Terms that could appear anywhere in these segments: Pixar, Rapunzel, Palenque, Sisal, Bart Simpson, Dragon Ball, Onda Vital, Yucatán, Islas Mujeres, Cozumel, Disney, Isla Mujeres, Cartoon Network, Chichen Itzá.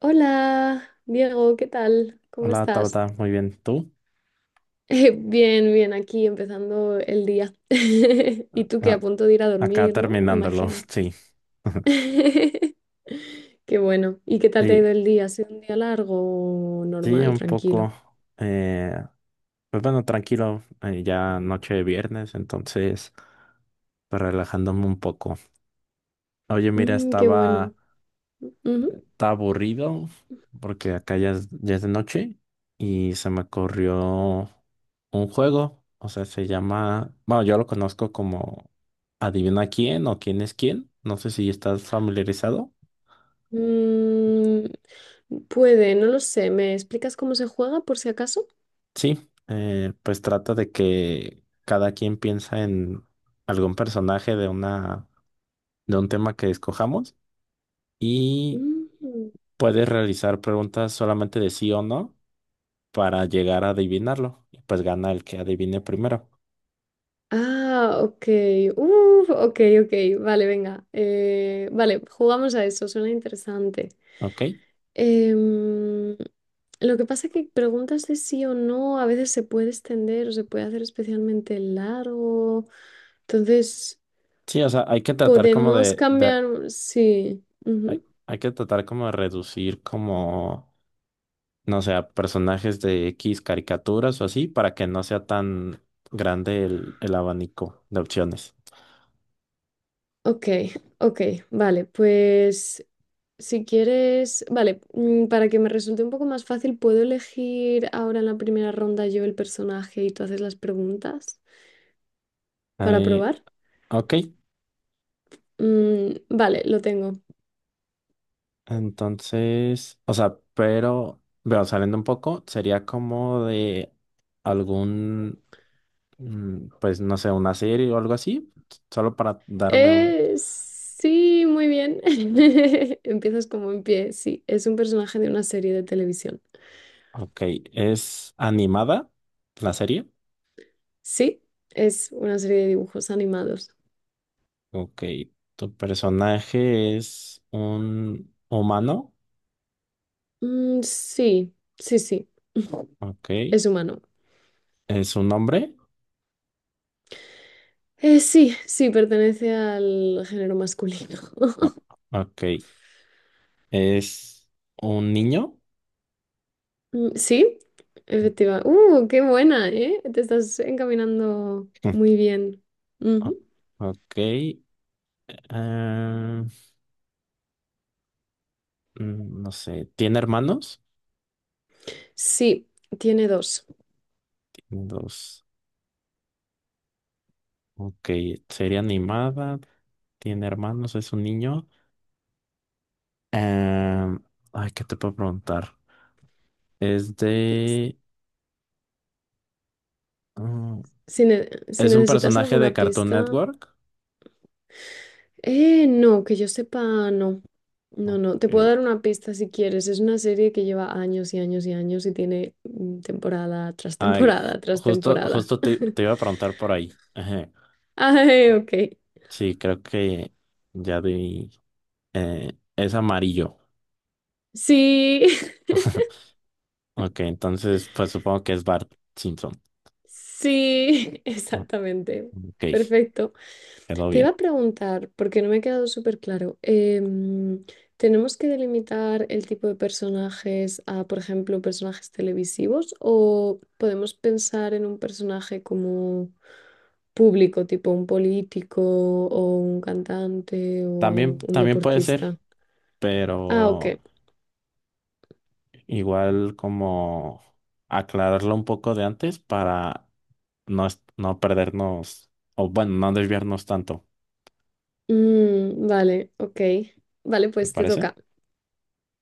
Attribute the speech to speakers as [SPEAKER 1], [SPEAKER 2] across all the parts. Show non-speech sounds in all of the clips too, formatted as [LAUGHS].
[SPEAKER 1] Hola, Diego, ¿qué tal? ¿Cómo
[SPEAKER 2] Hola,
[SPEAKER 1] estás?
[SPEAKER 2] Tabata, muy
[SPEAKER 1] [LAUGHS]
[SPEAKER 2] bien. ¿Tú?
[SPEAKER 1] Bien, bien, aquí empezando el día. [LAUGHS] Y tú que
[SPEAKER 2] Ah,
[SPEAKER 1] a punto de ir a
[SPEAKER 2] acá
[SPEAKER 1] dormir, ¿no?
[SPEAKER 2] terminándolo, [LAUGHS]
[SPEAKER 1] Imagino.
[SPEAKER 2] sí. [LAUGHS]
[SPEAKER 1] [LAUGHS] Qué bueno. ¿Y qué tal te ha
[SPEAKER 2] Sí,
[SPEAKER 1] ido el día? ¿Ha sido un día largo o
[SPEAKER 2] sí,
[SPEAKER 1] normal,
[SPEAKER 2] un
[SPEAKER 1] tranquilo?
[SPEAKER 2] poco. eh, pues bueno, tranquilo, ya noche de viernes, entonces, pues relajándome un poco. Oye, mira,
[SPEAKER 1] Mm, qué
[SPEAKER 2] estaba,
[SPEAKER 1] bueno. Ujú.
[SPEAKER 2] estaba aburrido porque acá ya es de noche y se me ocurrió un juego, o sea, se llama, bueno, yo lo conozco como Adivina quién o quién es quién. No sé si estás familiarizado.
[SPEAKER 1] Mm, puede, no lo sé. ¿Me explicas cómo se juega por si acaso?
[SPEAKER 2] Sí, pues trata de que cada quien piensa en algún personaje de un tema que escojamos y
[SPEAKER 1] Mm,
[SPEAKER 2] puedes realizar preguntas solamente de sí o no para llegar a adivinarlo. Y pues gana el que adivine primero.
[SPEAKER 1] ah, ok. Uf, ok, ok. Vale, venga. Vale, jugamos a eso, suena interesante.
[SPEAKER 2] ¿Ok?
[SPEAKER 1] Em, lo que pasa es que preguntas de sí o no a veces se puede extender o se puede hacer especialmente largo. Entonces,
[SPEAKER 2] Sí, o sea, hay que tratar
[SPEAKER 1] podemos cambiar. Sí,
[SPEAKER 2] hay,
[SPEAKER 1] ujú.
[SPEAKER 2] hay que tratar como de reducir como, no sé, a personajes de X caricaturas o así para que no sea tan grande el abanico de opciones.
[SPEAKER 1] Ok, ok, vale, pues si quieres, vale, para que me resulte un poco más fácil, ¿puedo elegir ahora en la primera ronda yo el personaje y tú haces las preguntas para
[SPEAKER 2] Eh,
[SPEAKER 1] probar?
[SPEAKER 2] ok.
[SPEAKER 1] Mm, vale, lo tengo.
[SPEAKER 2] Entonces, o sea, pero, bueno, saliendo un poco, sería como de algún, pues no sé, una serie o algo así, solo para darme un...
[SPEAKER 1] Sí, muy bien. [LAUGHS] Empiezas como en pie, sí, es un personaje de una serie de televisión.
[SPEAKER 2] Ok, ¿es animada la serie?
[SPEAKER 1] Sí, es una serie de dibujos animados.
[SPEAKER 2] Ok, ¿tu personaje es un humano?
[SPEAKER 1] Mm, sí, sí, sí,
[SPEAKER 2] Ok,
[SPEAKER 1] es humano.
[SPEAKER 2] ¿es un hombre?
[SPEAKER 1] Sí, sí, pertenece al género masculino.
[SPEAKER 2] O-
[SPEAKER 1] [LAUGHS]
[SPEAKER 2] Ok, ¿es un niño?
[SPEAKER 1] Mm, sí,
[SPEAKER 2] [LAUGHS]
[SPEAKER 1] efectiva. ¡Uh, qué buena, eh! Te estás encaminando
[SPEAKER 2] Mm,
[SPEAKER 1] muy bien.
[SPEAKER 2] o-
[SPEAKER 1] Ujú.
[SPEAKER 2] Ok, ah, no sé, ¿tiene hermanos?
[SPEAKER 1] Sí, tiene dos.
[SPEAKER 2] Tiene dos. Ok, sería animada. Tiene hermanos, es un niño. Em, ay, ¿qué te puedo preguntar? Es
[SPEAKER 1] S-
[SPEAKER 2] de... mm,
[SPEAKER 1] Si, si
[SPEAKER 2] ¿es un
[SPEAKER 1] necesitas
[SPEAKER 2] personaje
[SPEAKER 1] alguna
[SPEAKER 2] de Cartoon
[SPEAKER 1] pista...
[SPEAKER 2] Network?
[SPEAKER 1] No, que yo sepa, no. No, no,
[SPEAKER 2] Ok.
[SPEAKER 1] te puedo dar una pista si quieres. Es una serie que lleva años y años y años y tiene temporada tras
[SPEAKER 2] Ay,
[SPEAKER 1] temporada
[SPEAKER 2] ju-
[SPEAKER 1] tras
[SPEAKER 2] justo,
[SPEAKER 1] temporada.
[SPEAKER 2] justo te,
[SPEAKER 1] [LAUGHS]
[SPEAKER 2] te iba a preguntar por ahí. Ajá.
[SPEAKER 1] Ay, ok.
[SPEAKER 2] Sí, creo que ya di... es amarillo.
[SPEAKER 1] Sí,
[SPEAKER 2] Ok, entonces pues supongo que es Bart Simpson.
[SPEAKER 1] sí, [LAUGHS]
[SPEAKER 2] Ah,
[SPEAKER 1] exactamente.
[SPEAKER 2] ok,
[SPEAKER 1] Perfecto.
[SPEAKER 2] quedó
[SPEAKER 1] Te iba
[SPEAKER 2] bien.
[SPEAKER 1] a preguntar, porque no me ha quedado súper claro, ¿tenemos que delimitar el tipo de personajes a, por ejemplo, personajes televisivos o podemos pensar en un personaje como público, tipo un político o un cantante
[SPEAKER 2] También,
[SPEAKER 1] o un
[SPEAKER 2] también puede ser,
[SPEAKER 1] deportista? Ah,
[SPEAKER 2] pero
[SPEAKER 1] ok.
[SPEAKER 2] igual como aclararlo un poco de antes para no, no perdernos, o bueno, no desviarnos tanto,
[SPEAKER 1] Mm, vale, ok. Vale,
[SPEAKER 2] ¿me
[SPEAKER 1] pues te
[SPEAKER 2] parece?
[SPEAKER 1] toca.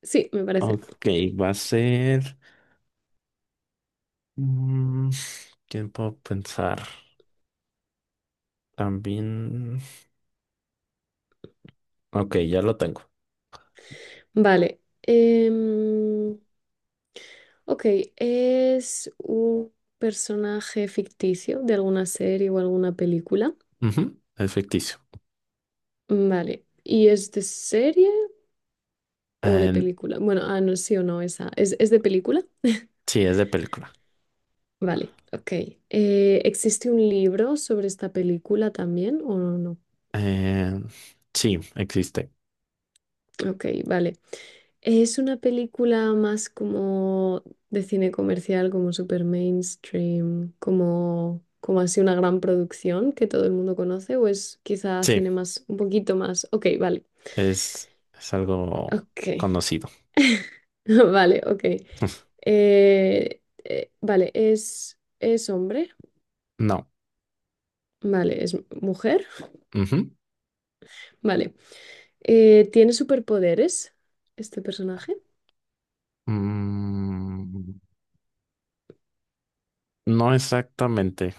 [SPEAKER 1] Sí, me parece.
[SPEAKER 2] Ok, va a ser mm, tiempo a pensar. También. Ok, ya lo tengo.
[SPEAKER 1] Vale. Ok, ¿es un personaje ficticio de alguna serie o alguna película?
[SPEAKER 2] Ujú, es ficticio.
[SPEAKER 1] Mm, vale, ¿y es de serie o de
[SPEAKER 2] Eh,
[SPEAKER 1] película? Bueno, ah, no, sí o no, esa. Es de película? [LAUGHS]
[SPEAKER 2] sí, es de película.
[SPEAKER 1] Vale, ok. ¿Existe un libro sobre esta película también o no?
[SPEAKER 2] Eh, sí, existe.
[SPEAKER 1] Ok, vale. Es una película más como de cine comercial, como super mainstream, como, como así una gran producción que todo el mundo conoce, o es quizá
[SPEAKER 2] Sí,
[SPEAKER 1] cine más, un poquito más. Ok, vale.
[SPEAKER 2] es algo
[SPEAKER 1] Ok,
[SPEAKER 2] conocido.
[SPEAKER 1] [LAUGHS] vale, ok.
[SPEAKER 2] [LAUGHS]
[SPEAKER 1] Vale, es hombre,
[SPEAKER 2] No.
[SPEAKER 1] vale, es mujer,
[SPEAKER 2] Ujú.
[SPEAKER 1] vale. ¿Tiene superpoderes este personaje?
[SPEAKER 2] Mm, No exactamente.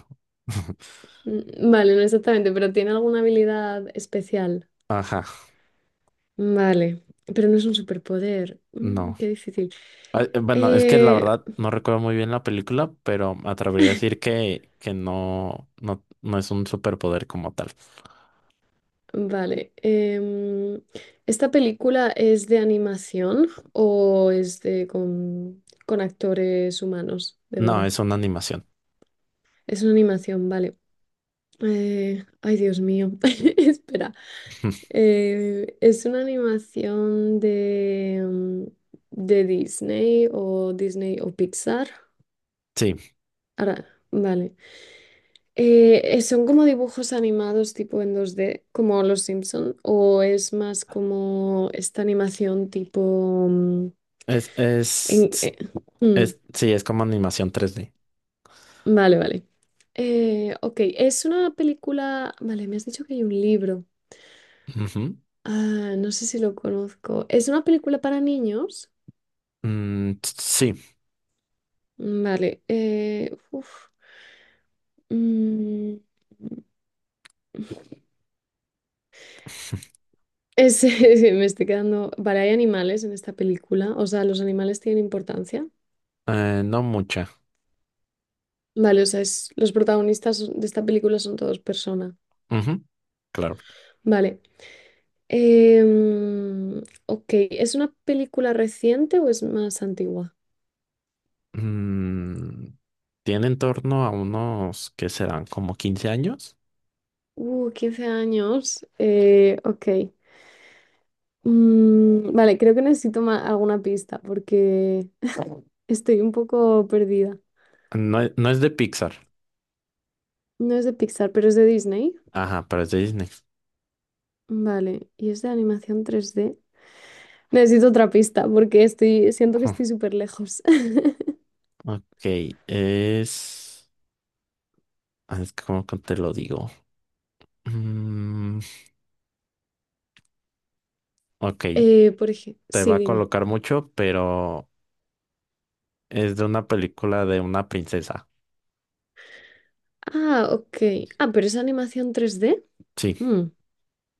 [SPEAKER 2] [LAUGHS]
[SPEAKER 1] Mm, vale, no exactamente, pero ¿tiene alguna habilidad especial?
[SPEAKER 2] Ajá,
[SPEAKER 1] Vale, pero no es un superpoder. Mm,
[SPEAKER 2] no.
[SPEAKER 1] qué difícil.
[SPEAKER 2] Ah, bueno, es que la
[SPEAKER 1] Eh,
[SPEAKER 2] verdad no recuerdo muy bien la película, pero me atrevería a decir que no, no, no es un superpoder como tal.
[SPEAKER 1] vale. ¿Esta película es de animación o es de con actores humanos, de
[SPEAKER 2] No,
[SPEAKER 1] verdad?
[SPEAKER 2] es una animación.
[SPEAKER 1] Es una animación, vale. Ay, Dios mío. [LAUGHS] Espera.
[SPEAKER 2] [LAUGHS]
[SPEAKER 1] ¿Es una animación de, de Disney o Disney o Pixar?
[SPEAKER 2] Sí,
[SPEAKER 1] Ahora, vale. ¿Son como dibujos animados tipo en 2D como Los Simpson? ¿O es más como esta animación tipo...
[SPEAKER 2] es,
[SPEAKER 1] en-
[SPEAKER 2] es,
[SPEAKER 1] eh, mm,
[SPEAKER 2] sí, es como animación 3D.
[SPEAKER 1] vale, vale. Ok, es una película... Vale, me has dicho que hay un libro.
[SPEAKER 2] Ujú.
[SPEAKER 1] Ah, no sé si lo conozco. ¿Es una película para niños?
[SPEAKER 2] Sí,
[SPEAKER 1] Mm, vale. Uf, mm, [LAUGHS] me estoy quedando... Vale, hay animales en esta película. O sea, ¿los animales tienen importancia?
[SPEAKER 2] no mucha.
[SPEAKER 1] Vale, o sea, los protagonistas de esta película son todos personas.
[SPEAKER 2] Ujú, claro.
[SPEAKER 1] Vale. Em, ok, ¿es una película reciente o es más antigua?
[SPEAKER 2] Mm, tiene en torno a unos que serán como 15 años.
[SPEAKER 1] 15 años. Ok. Mm, vale, creo que necesito alguna pista porque estoy un poco perdida.
[SPEAKER 2] No, no es de Pixar.
[SPEAKER 1] No es de Pixar, pero es de Disney.
[SPEAKER 2] Ajá, pero es de Disney.
[SPEAKER 1] Vale, y es de animación 3D. Necesito otra pista porque estoy, siento que
[SPEAKER 2] Ujú,
[SPEAKER 1] estoy súper lejos. [LAUGHS]
[SPEAKER 2] ok, es... es que como que te lo digo. Mm, ok,
[SPEAKER 1] Por ejemplo,
[SPEAKER 2] te va
[SPEAKER 1] sí,
[SPEAKER 2] a colocar mucho, pero es de una película de una princesa.
[SPEAKER 1] ah, ok. Ah, pero es animación 3D.
[SPEAKER 2] Sí,
[SPEAKER 1] Mm,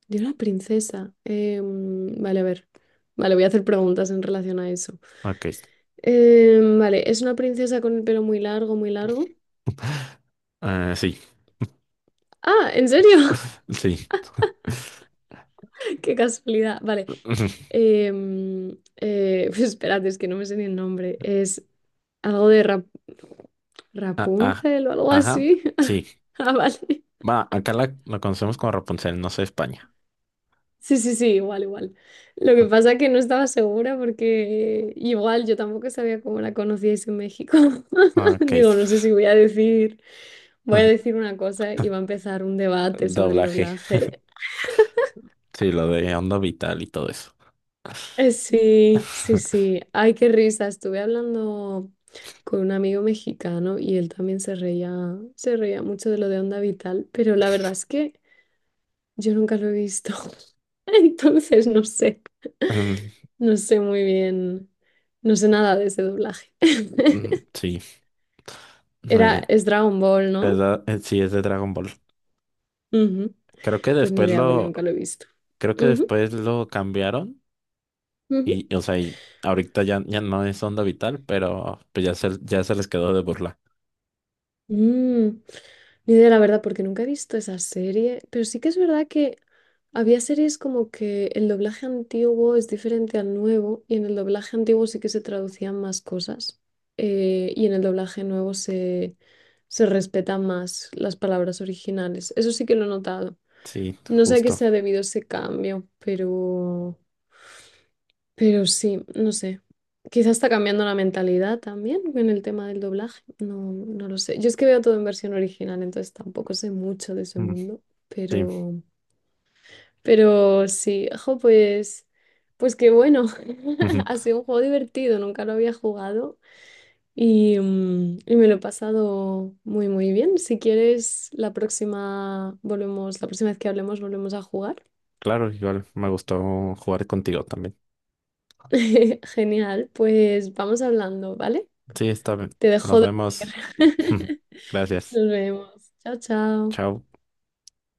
[SPEAKER 1] de una princesa. Vale, a ver. Vale, voy a hacer preguntas en relación a eso.
[SPEAKER 2] ok.
[SPEAKER 1] Vale, es una princesa con el pelo muy largo, muy largo.
[SPEAKER 2] Ah, sí,
[SPEAKER 1] Ah, ¿en serio? [LAUGHS]
[SPEAKER 2] sí. [LAUGHS]
[SPEAKER 1] Qué casualidad. Vale.
[SPEAKER 2] Ujú,
[SPEAKER 1] Eh, mm, [LAUGHS] pues espérate, es que no me sé ni el nombre. Es algo de
[SPEAKER 2] ah, ah,
[SPEAKER 1] Rapunzel o algo
[SPEAKER 2] ajá,
[SPEAKER 1] así.
[SPEAKER 2] sí.
[SPEAKER 1] [LAUGHS] Ah, vale.
[SPEAKER 2] Va, acá la conocemos como Rapunzel, no sé España.
[SPEAKER 1] Sí, sí, sí, igual, igual. Lo que pasa es que no estaba segura porque igual yo tampoco sabía cómo la conocíais en México.
[SPEAKER 2] Ah,
[SPEAKER 1] [LAUGHS]
[SPEAKER 2] ok.
[SPEAKER 1] Digo, no sé si voy a decir, voy a
[SPEAKER 2] [LAUGHS]
[SPEAKER 1] decir una cosa y va a empezar un debate sobre el
[SPEAKER 2] Doblaje.
[SPEAKER 1] doblaje.
[SPEAKER 2] Sí, lo de Onda Vital y todo eso.
[SPEAKER 1] Sí, sí,
[SPEAKER 2] [LAUGHS]
[SPEAKER 1] sí. Ay, qué risa. Estuve hablando con un amigo mexicano y él también se reía mucho de lo de Onda Vital, pero la verdad es que yo nunca lo he visto. [LAUGHS] Entonces, no sé.
[SPEAKER 2] Mm,
[SPEAKER 1] No sé muy bien, no sé nada de ese doblaje. [LAUGHS]
[SPEAKER 2] Sí.
[SPEAKER 1] Era, es Dragon Ball,
[SPEAKER 2] Es
[SPEAKER 1] ¿no?
[SPEAKER 2] la- eh, sí, es de Dragon Ball.
[SPEAKER 1] Ujú.
[SPEAKER 2] Creo que
[SPEAKER 1] Pues ni
[SPEAKER 2] después
[SPEAKER 1] idea porque
[SPEAKER 2] lo,
[SPEAKER 1] nunca lo he visto.
[SPEAKER 2] creo que
[SPEAKER 1] Ujú,
[SPEAKER 2] después lo cambiaron
[SPEAKER 1] ujú.
[SPEAKER 2] y, o sea, y ahorita ya no es Onda Vital, pero pues ya se les quedó de burla.
[SPEAKER 1] Mm, ni idea, la verdad, porque nunca he visto esa serie, pero sí que es verdad que había series como que el doblaje antiguo es diferente al nuevo y en el doblaje antiguo sí que se traducían más cosas y en el doblaje nuevo se, se respetan más las palabras originales. Eso sí que lo he notado.
[SPEAKER 2] Sí,
[SPEAKER 1] No sé a qué
[SPEAKER 2] justo.
[SPEAKER 1] se ha debido ese cambio, pero sí, no sé. Quizás está cambiando la mentalidad también en el tema del doblaje. No, no lo sé. Yo es que veo todo en versión original, entonces tampoco sé mucho de ese
[SPEAKER 2] Mm,
[SPEAKER 1] mundo,
[SPEAKER 2] sí,
[SPEAKER 1] pero, pero sí, ojo, pues, pues qué bueno. [LAUGHS] Ha
[SPEAKER 2] [LAUGHS]
[SPEAKER 1] sido un juego divertido, nunca lo había jugado y, y me lo he pasado muy, muy bien. Si quieres, la próxima volvemos, la próxima vez que hablemos, volvemos a jugar.
[SPEAKER 2] claro, igual me gustó jugar contigo también.
[SPEAKER 1] [LAUGHS] Genial, pues vamos hablando, ¿vale?
[SPEAKER 2] Sí, está bien.
[SPEAKER 1] Te dejo
[SPEAKER 2] Nos
[SPEAKER 1] dormir.
[SPEAKER 2] vemos. [LAUGHS]
[SPEAKER 1] [LAUGHS]
[SPEAKER 2] Gracias.
[SPEAKER 1] Nos vemos. Chao, chao.
[SPEAKER 2] Chao.